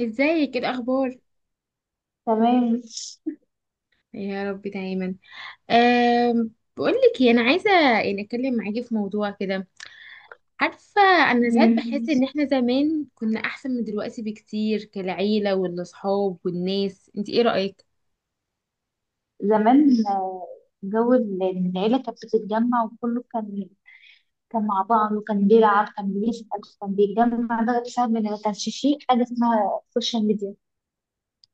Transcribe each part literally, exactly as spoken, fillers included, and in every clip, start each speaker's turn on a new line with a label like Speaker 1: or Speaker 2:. Speaker 1: ازيك؟ ايه الاخبار؟
Speaker 2: تمام.
Speaker 1: يا رب دايما. أم بقول لك إيه، انا عايزه يعني اتكلم معاكي في موضوع كده. عارفه، انا ساعات
Speaker 2: مم.
Speaker 1: بحس ان احنا زمان كنا احسن من دلوقتي بكتير، كالعيله والاصحاب والناس. انت ايه رايك؟
Speaker 2: زمان آه، جو ال- العيلة كانت بتتجمع وكله كان كان مع بعض، وكان بيلعب، كان بيسأل، كان بيتجمع. ده بسبب إن ما كانش فيه حاجة اسمها سوشيال ميديا.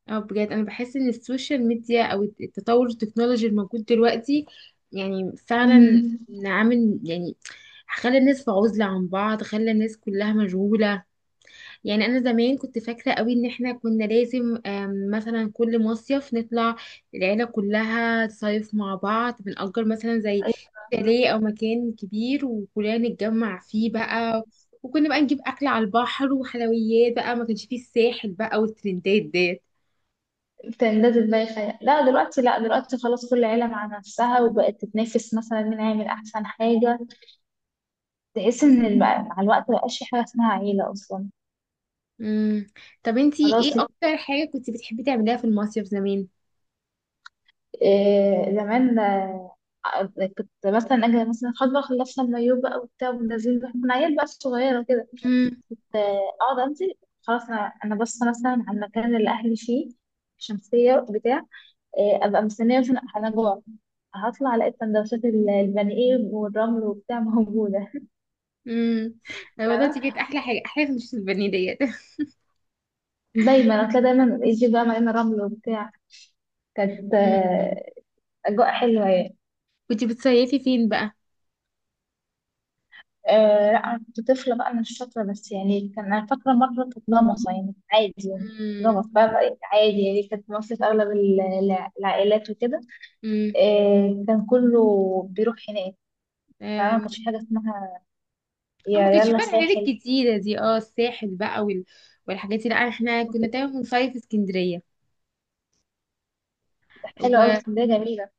Speaker 1: اه بجد انا بحس ان السوشيال ميديا او التطور التكنولوجي الموجود دلوقتي، يعني فعلا
Speaker 2: امم
Speaker 1: عامل يعني خلى الناس في عزله عن بعض، خلى الناس كلها مشغوله. يعني انا زمان كنت فاكره قوي ان احنا كنا لازم آم، مثلا كل مصيف نطلع، العيله كلها تصيف مع بعض، بنأجر مثلا زي شاليه او مكان كبير وكلنا نتجمع فيه بقى. وكنا بقى نجيب اكل على البحر وحلويات بقى، ما كانش فيه الساحل بقى والترندات ديت.
Speaker 2: كان ده دماغي خيال. لا دلوقتي لا دلوقتي خلاص، كل عيلة مع نفسها وبقت تتنافس مثلا مين هيعمل أحسن حاجة. تحس إن الم- مع الوقت مبقاش في حاجة اسمها عيلة أصلا.
Speaker 1: امم. طب انتي ايه
Speaker 2: خلاص.
Speaker 1: اكتر حاجه كنت بتحبي تعمليها في المصيف زمان؟
Speaker 2: آه، زمان آه، كنت مثلا اجي مثلا خلاص بقى، خلصنا المايوه بقى وبتاع ونازلين بقى، كنا عيال بقى صغيره كده
Speaker 1: امم.
Speaker 2: كنت، آه، اقعد انزل. خلاص، انا انا باصه مثلا على المكان اللي اهلي فيه، شمسيه بتاع. آه، ابقى مستنيه، مثلا انا جوع، هطلع الاقي سندوتشات ال- البني ايه والرمل وبتاع موجوده
Speaker 1: امم. ايوه، ده كانت
Speaker 2: فاهمة؟
Speaker 1: احلى حاجه، احلى حاجه مش البني ديت.
Speaker 2: دايما هتلاقي دايما يجي بقى مليان رمل وبتاع. كانت
Speaker 1: مم.
Speaker 2: آه، اجواء حلوه يعني.
Speaker 1: كنت بتصيفي فين
Speaker 2: آه، لا انا كنت طفله بقى، انا مش فاكره، بس يعني كان انا فاكره مره كانت غمصه يعني عادي يعني.
Speaker 1: بقى؟
Speaker 2: غمص بقى بقى عادي يعني. كانت مصر في اغلب ال- الع- العائلات وكده.
Speaker 1: امم.
Speaker 2: آه، كان كله بيروح هناك. فما
Speaker 1: أم،
Speaker 2: كانش حاجه اسمها
Speaker 1: أنا
Speaker 2: يا
Speaker 1: ما كانش
Speaker 2: يلا
Speaker 1: فيها الحاجات
Speaker 2: ساحل
Speaker 1: الكتيرة دي، اه الساحل بقى وال... والحاجات دي، لا احنا كنا
Speaker 2: وكده.
Speaker 1: دايما بنصيف في اسكندرية.
Speaker 2: حلوه قوي
Speaker 1: و
Speaker 2: اسكندريه، جميله.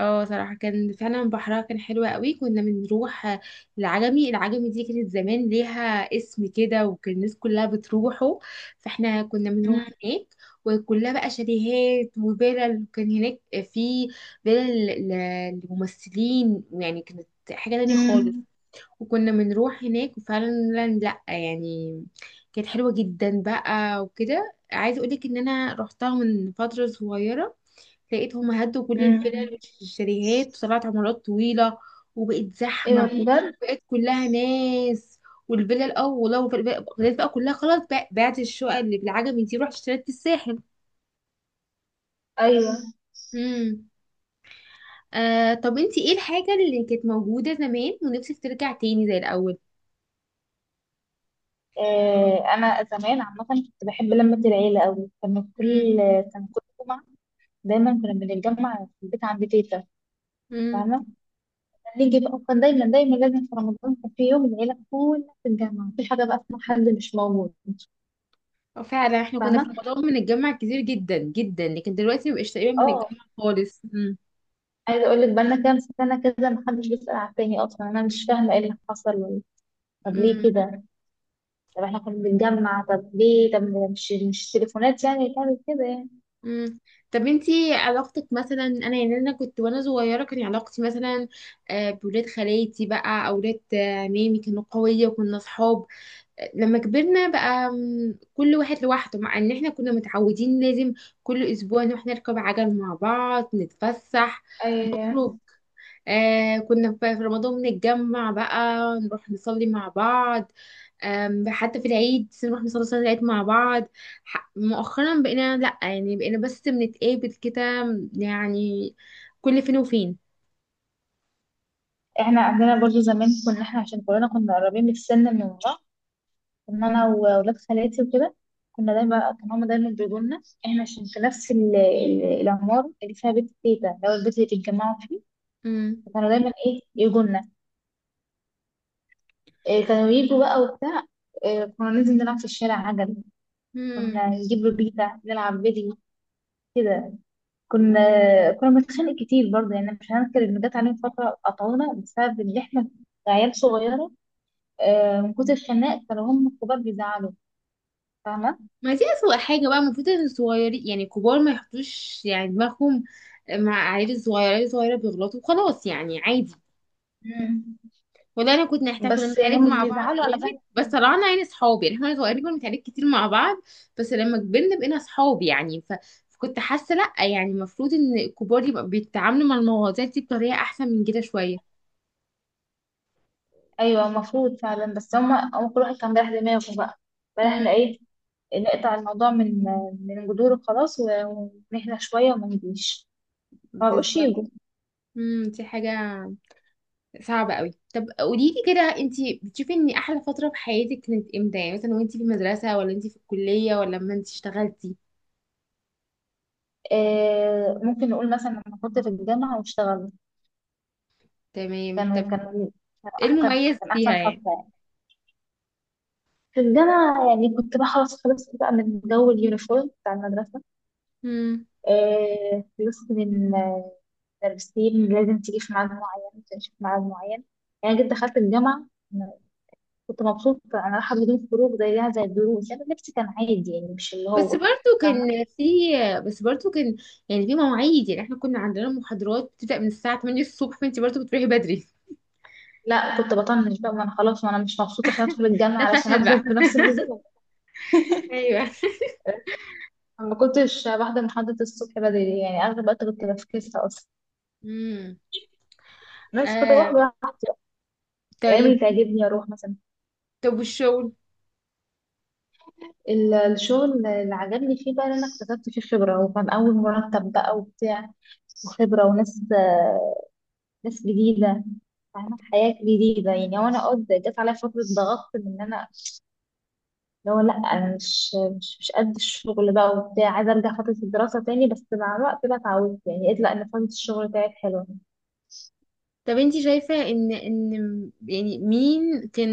Speaker 1: اه صراحة كان فعلا بحرها كان حلو قوي. كنا بنروح آه، العجمي، العجمي دي كانت زمان ليها اسم كده وكان الناس كلها بتروحه، فاحنا كنا
Speaker 2: مم.
Speaker 1: بنروح هناك. وكلها بقى شاليهات وفيلل، وكان هناك في فيلل ل- لممثلين، يعني كانت حاجة تانية خالص.
Speaker 2: مم.
Speaker 1: وكنا بنروح هناك وفعلا لا يعني كانت حلوة جدا بقى. وكده عايزة اقولك ان انا رحتها من فترة صغيرة، لقيتهم هدوا كل
Speaker 2: مم.
Speaker 1: الفلل والشاليهات وطلعت عمارات طويلة وبقت
Speaker 2: ايه ده
Speaker 1: زحمة،
Speaker 2: بجد؟
Speaker 1: بقت كلها ناس. والفلل اه والله، والفلل بقى، الفلل بقى كلها خلاص بقى، بعت الشقق اللي بالعجمي دي، رحت اشتريت في الساحل.
Speaker 2: ايوه.
Speaker 1: امم. آه طب انتي ايه الحاجة اللي كانت موجودة زمان ونفسك ترجع تاني زي الأول؟
Speaker 2: آه، انا زمان عامه كنت بحب لمه العيله قوي. كان كل كان كل جمعه دايما كنا بنتجمع في البيت عند تيتا.
Speaker 1: امم.
Speaker 2: فاهمه؟ نيجي بقى، كان دايما دايما لازم في رمضان كان في يوم العيلة كلها تتجمع، مفيش حاجة بقى اسمها حد مش موجود.
Speaker 1: فعلا احنا كنا في
Speaker 2: فاهمة؟
Speaker 1: رمضان بنتجمع كتير جدا جدا، لكن دلوقتي مبقاش تقريبا
Speaker 2: اه،
Speaker 1: بنتجمع خالص. امم.
Speaker 2: عايزة اقول لك بقالنا كام سنة كده محدش بيسأل على التاني اصلا، انا مش فاهمة ايه اللي حصل ولا. طب ليه
Speaker 1: امم.
Speaker 2: كده؟ طب احنا كنا بنتجمع، طب ليه؟ طب مش مش تليفونات يعني اللي تعمل كده يعني.
Speaker 1: امم. طب انتي علاقتك مثلا، انا يعني انا كنت وانا صغيره كان علاقتي مثلا آه، بولاد خالاتي بقى، او ولاد آه، عمامي، كانوا قويه وكنا صحاب. آه، لما كبرنا بقى مم، كل واحد لوحده، مع ان احنا كنا متعودين لازم كل اسبوع نروح نركب عجل مع بعض، نتفسح،
Speaker 2: أي...
Speaker 1: نخرج. آه كنا في في رمضان بنتجمع بقى نروح نصلي مع بعض. أم، حتى في العيد نروح نصلي صلاة العيد مع بعض. ح- مؤخرا بقينا لأ، يعني بقينا بس بنتقابل كده يعني، كل فين وفين.
Speaker 2: احنا عندنا برضو زمان، كنا احنا عشان كلنا كنا قريبين من السن، من لما انا واولاد خالاتي وكده كنا دايما، كان هما دايما بيقولوا لنا احنا عشان في نفس ال- ال- العمارة اللي فيها بيت تيتا اللي هو البيت اللي بيتجمعوا فيه.
Speaker 1: امم.
Speaker 2: فكانوا دايما ايه يجوا لنا. إيه كانوا يجوا بقى وبتاع. إيه كنا ننزل نلعب في الشارع عجل،
Speaker 1: امم.
Speaker 2: كنا نجيب بيتا نلعب بدي كده. كنا كنا بنتخانق كتير برضه يعني، مش هنذكر ان جت علينا فترة قطعونا بسبب ان احنا عيال صغيرة. آه، من كتر الخناق كانوا هم الكبار بيزعلوا. فاهمة؟
Speaker 1: ما دي أسوأ حاجة بقى. المفروض إن الصغيرين، يعني الكبار ما يحطوش يعني دماغهم مع العيال الصغيرة. العيال الصغيرة بيغلطوا وخلاص يعني عادي.
Speaker 2: مم.
Speaker 1: والله انا كنت، احنا كنا
Speaker 2: بس يعني
Speaker 1: بنتعارك
Speaker 2: هم
Speaker 1: مع بعض
Speaker 2: بيزعلوا على
Speaker 1: جامد
Speaker 2: فعل.
Speaker 1: بس طلعنا يعني صحاب. يعني احنا صغيرين كنا بنتعارك كتير مع بعض، بس لما كبرنا بقينا صحاب. يعني ف... فكنت حاسه لا يعني المفروض ان الكبار يبقى بيتعاملوا مع المواضيع دي بطريقه احسن من كده شويه.
Speaker 2: ايوه المفروض فعلا، بس هما هو كل واحد كان بيريح دماغه بقى. فاحنا
Speaker 1: امم.
Speaker 2: ايه، نقطع الموضوع من من جذوره خلاص، و- ونهدى شويه وما نجيش. ما بقوش
Speaker 1: بالظبط.
Speaker 2: يجوا.
Speaker 1: امم. دي حاجه صعبه قوي. طب قولي لي كده، انت بتشوفي ان احلى فتره في حياتك كانت امتى؟ يعني مثلا وانت في المدرسه، ولا انت في الكليه، ولا لما انت اشتغلتي؟
Speaker 2: آه، ممكن نقول مثلا لما كنت في الجامعه واشتغلت.
Speaker 1: تمام.
Speaker 2: كانوا
Speaker 1: طب
Speaker 2: كانوا إيه؟ كانوا
Speaker 1: ايه
Speaker 2: احسن،
Speaker 1: المميز
Speaker 2: كان احسن
Speaker 1: فيها؟
Speaker 2: فتره يعني. في الجامعه يعني، كنت بقى خلاص خلصت بقى من جو اليونيفورم بتاع المدرسه.
Speaker 1: يعني
Speaker 2: آه، خلصت من، آه، المدرسين لازم تيجي في ميعاد معين، تمشي في ميعاد معين. يعني جيت دخلت الجامعه، كنت مبسوطة. أنا رايحة بدون خروج زيها زي الدروس، أنا لبسي كان عادي يعني، مش اللي
Speaker 1: بس
Speaker 2: هو.
Speaker 1: برضو
Speaker 2: فاهمة.
Speaker 1: كان في، بس برضو كان يعني في مواعيد. يعني احنا كنا عندنا محاضرات بتبدأ من الساعة ثمانية الصبح، فانت برضو بتروحي بدري.
Speaker 2: لا، كنت بطنش بقى، ما أنا خلاص، ما أنا مش مبسوطة عشان أدخل الجامعة
Speaker 1: ده
Speaker 2: علشان
Speaker 1: فشل
Speaker 2: أفضل
Speaker 1: بقى.
Speaker 2: بنفس النظام.
Speaker 1: ايوه.
Speaker 2: ما كنتش بحضر محاضرة الصبح بدري يعني، أغلب الوقت كنت بفكسها أصلا.
Speaker 1: امم.
Speaker 2: بس كنت
Speaker 1: آه.
Speaker 2: بحضر الأيام
Speaker 1: طيب.
Speaker 2: اللي تعجبني، أروح مثلا.
Speaker 1: طب والشغل؟
Speaker 2: ال- الشغل اللي عجبني فيه بقى إن أنا اكتسبت فيه خبرة، وكان أول مرتب بقى وبتاع، وخبرة وناس، ناس جديدة. فاهمة، حياة جديدة يعني. وأنا قد جت عليا فترة ضغط من إن أنا، اللي هو لا انا مش مش مش قد الشغل بقى وبتاع، عايزه ارجع فتره الدراسه تاني. بس مع الوقت بقى اتعودت يعني، قلت لا، ان فتره الشغل بتاعت حلوه.
Speaker 1: طب انت شايفة ان ان يعني مين كان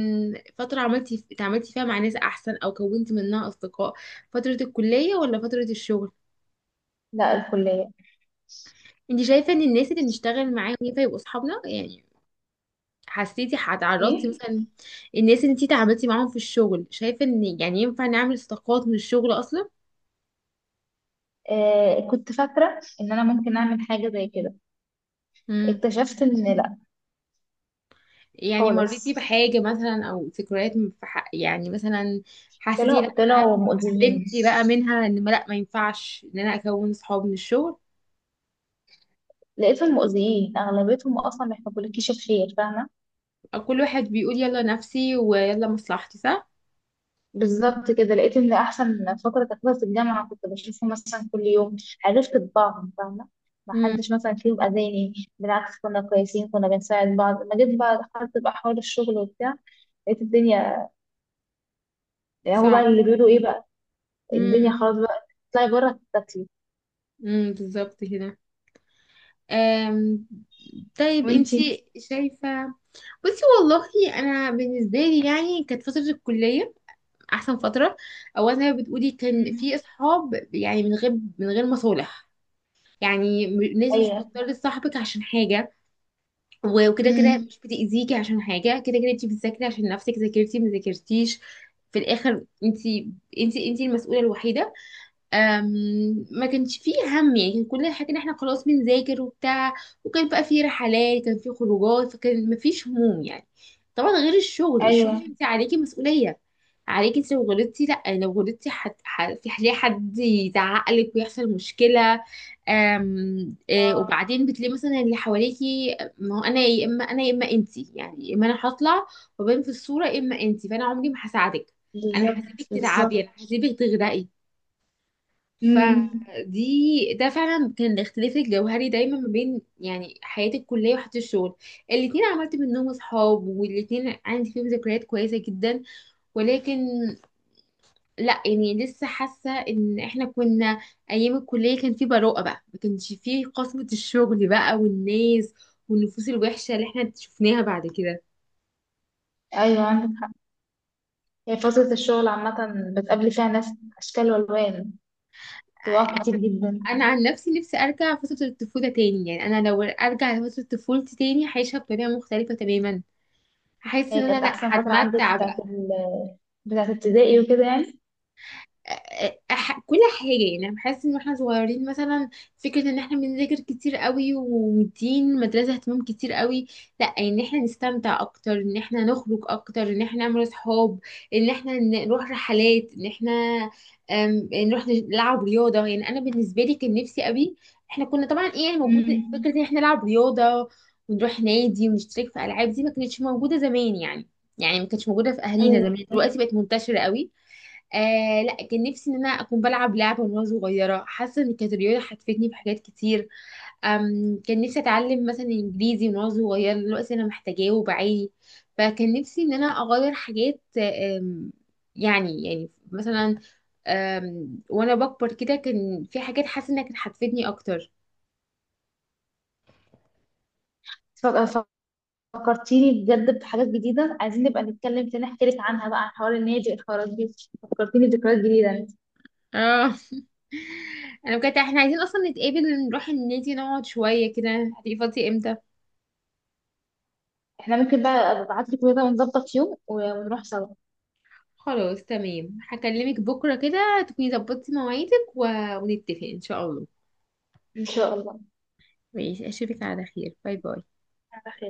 Speaker 1: فترة عملتي اتعاملتي فيها مع ناس احسن او كونتي منها اصدقاء؟ فترة الكلية ولا فترة الشغل؟
Speaker 2: لا، الكليه.
Speaker 1: انت شايفة ان الناس اللي بنشتغل معاهم ينفع يبقوا اصحابنا؟ يعني حسيتي، هتعرضتي
Speaker 2: ايه.
Speaker 1: مثلا، الناس اللي انتي تعاملتي معاهم في الشغل، شايفه ان يعني ينفع نعمل صداقات من الشغل اصلا؟
Speaker 2: آه، كنت فاكره ان انا ممكن اعمل حاجه زي كده.
Speaker 1: امم.
Speaker 2: اكتشفت ان لا.
Speaker 1: يعني
Speaker 2: خالص.
Speaker 1: مريتي بحاجه مثلا او ذكريات من- في حق يعني مثلا حسيتي لا،
Speaker 2: طلعوا، طلعوا مؤذيين.
Speaker 1: اتعلمتي بقى منها ان ما- لا ما ينفعش ان انا اكون صحاب من الشغل؟
Speaker 2: لقيتهم مؤذيين، اغلبيتهم اصلا ما يحبولكيش الخير. فاهمه.
Speaker 1: أو كل واحد بيقول يلا نفسي ويلا مصلحتي، صح؟
Speaker 2: بالظبط كده، لقيت ان احسن فتره تاخدها في الجامعه، كنت بشوفهم مثلا كل يوم، عرفت طباعهم. فاهمه، ما
Speaker 1: امم.
Speaker 2: حدش مثلا فيهم اذاني، بالعكس كنا كويسين، كنا بنساعد بعض. لما جيت بقى دخلت بقى حوار الشغل وبتاع، لقيت الدنيا، يعني هو بقى
Speaker 1: صعب.
Speaker 2: اللي بيقولوا ايه بقى، الدنيا
Speaker 1: امم.
Speaker 2: خلاص بقى تطلعي بره تاكلي.
Speaker 1: امم بالظبط كده. أم، طيب
Speaker 2: وانتي؟
Speaker 1: انتي شايفه، بصي والله، انا بالنسبه لي يعني كانت فتره الكليه احسن فتره. اولا زي ما بتقولي كان
Speaker 2: مم.
Speaker 1: في اصحاب يعني من غير، من غير مصالح. يعني م- الناس مش
Speaker 2: ايوه.
Speaker 1: بتضطر تصاحبك عشان حاجه، و- وكده كده
Speaker 2: مم.
Speaker 1: مش بتاذيكي عشان حاجه، كده كده انت بتذاكري عشان نفسك. ذاكرتي ما ذاكرتيش في الاخر، انت، انت انت المسؤوله الوحيده. أم، ما كانش فيه هم يعني، كان كل الحاجة ان احنا خلاص بنذاكر وبتاع، وكان بقى فيه رحلات، كان فيه خروجات، فكان مفيش هموم يعني. طبعا غير الشغل،
Speaker 2: ايوه.
Speaker 1: الشغل انت عليكي مسؤولية، عليكي انت. لو غلطتي لا، لو غلطتي حد حد- في حد، حد يزعق لك ويحصل مشكلة. أم آه،
Speaker 2: اه،
Speaker 1: وبعدين بتلاقي مثلا اللي حواليكي آه، ما هو انا، يا اما انا يا اما انت، يعني يا اما انا هطلع وبين في الصورة يا اما انت، فانا عمري ما هساعدك، انا
Speaker 2: بالظبط.
Speaker 1: هسيبك تتعبي،
Speaker 2: بالظبط.
Speaker 1: انا هسيبك تغرقي.
Speaker 2: مم.
Speaker 1: فدي ده فعلا كان الاختلاف الجوهري دايما ما بين يعني حياتي الكليه وحياتي الشغل. الاتنين عملت منهم اصحاب، والاتنين عندي فيهم ذكريات كويسه جدا. ولكن لا يعني لسه حاسه ان احنا كنا ايام الكليه كان في براءه بقى، ما كانش في قسوه الشغل بقى والناس والنفوس الوحشه اللي احنا شفناها بعد كده.
Speaker 2: ايوه، عندك حق. هي فتره الشغل عامه بتقابلي فيها ناس، اشكال والوان، طباع كتير جدا.
Speaker 1: انا عن نفسي نفسي ارجع فتره الطفوله تاني. يعني انا لو ارجع لفتره طفولتي تاني هعيشها بطريقه مختلفه تماما، هحس
Speaker 2: هي
Speaker 1: ان انا
Speaker 2: كانت
Speaker 1: لا
Speaker 2: احسن فتره عندك
Speaker 1: هتمتع بقى.
Speaker 2: بتاعت ال بتاعت ابتدائي وكده يعني.
Speaker 1: أح... كل حاجة. يعني أنا بحس إن إحنا صغيرين مثلا، فكرة إن إحنا بنذاكر كتير قوي ومدين المدرسة اهتمام كتير قوي، لأ إن إحنا نستمتع أكتر، إن إحنا نخرج أكتر، إن إحنا نعمل أصحاب، إن إحنا ن- نروح رحلات، إن إحنا أم، نروح نلعب رياضة. يعني أنا بالنسبة لي كان نفسي قوي، إحنا كنا طبعا إيه يعني موجود فكرة
Speaker 2: امم
Speaker 1: إن إحنا نلعب رياضة ونروح نادي ونشترك في ألعاب. دي ما كانتش موجودة زمان يعني، يعني ما كانتش موجودة في أهالينا
Speaker 2: ايوه.
Speaker 1: زمان، دلوقتي بقت منتشرة قوي. آه لا، كان نفسي ان انا اكون بلعب لعبه وانا صغيره. حاسه ان كانت الرياضه حفتني في حاجات كتير. أم كان نفسي اتعلم مثلا انجليزي وانا صغيره، دلوقتي انا محتاجاه وبعاني. فكان نفسي ان انا اغير حاجات. أم، يعني يعني مثلا، أم، وانا بكبر كده كان في حاجات حاسه انها كانت هتفيدني اكتر.
Speaker 2: ف- فكرتيني بجد بحاجات جديده، عايزين نبقى نتكلم تاني، احكي لك عنها بقى، عن حوار النادي والحوارات دي. فكرتيني بذكريات جديده يعني.
Speaker 1: اه انا بجد احنا عايزين اصلا نتقابل، نروح النادي نقعد شويه كده. هتبقي فاضيه امتى؟
Speaker 2: احنا ممكن بقى ابعت لك كده ونظبط يوم ونروح سوا.
Speaker 1: خلاص تمام، هكلمك بكرة كده تكوني ظبطتي مواعيدك و... ونتفق إن شاء الله.
Speaker 2: ان شاء الله.
Speaker 1: ماشي، أشوفك على خير. باي باي.
Speaker 2: على خير.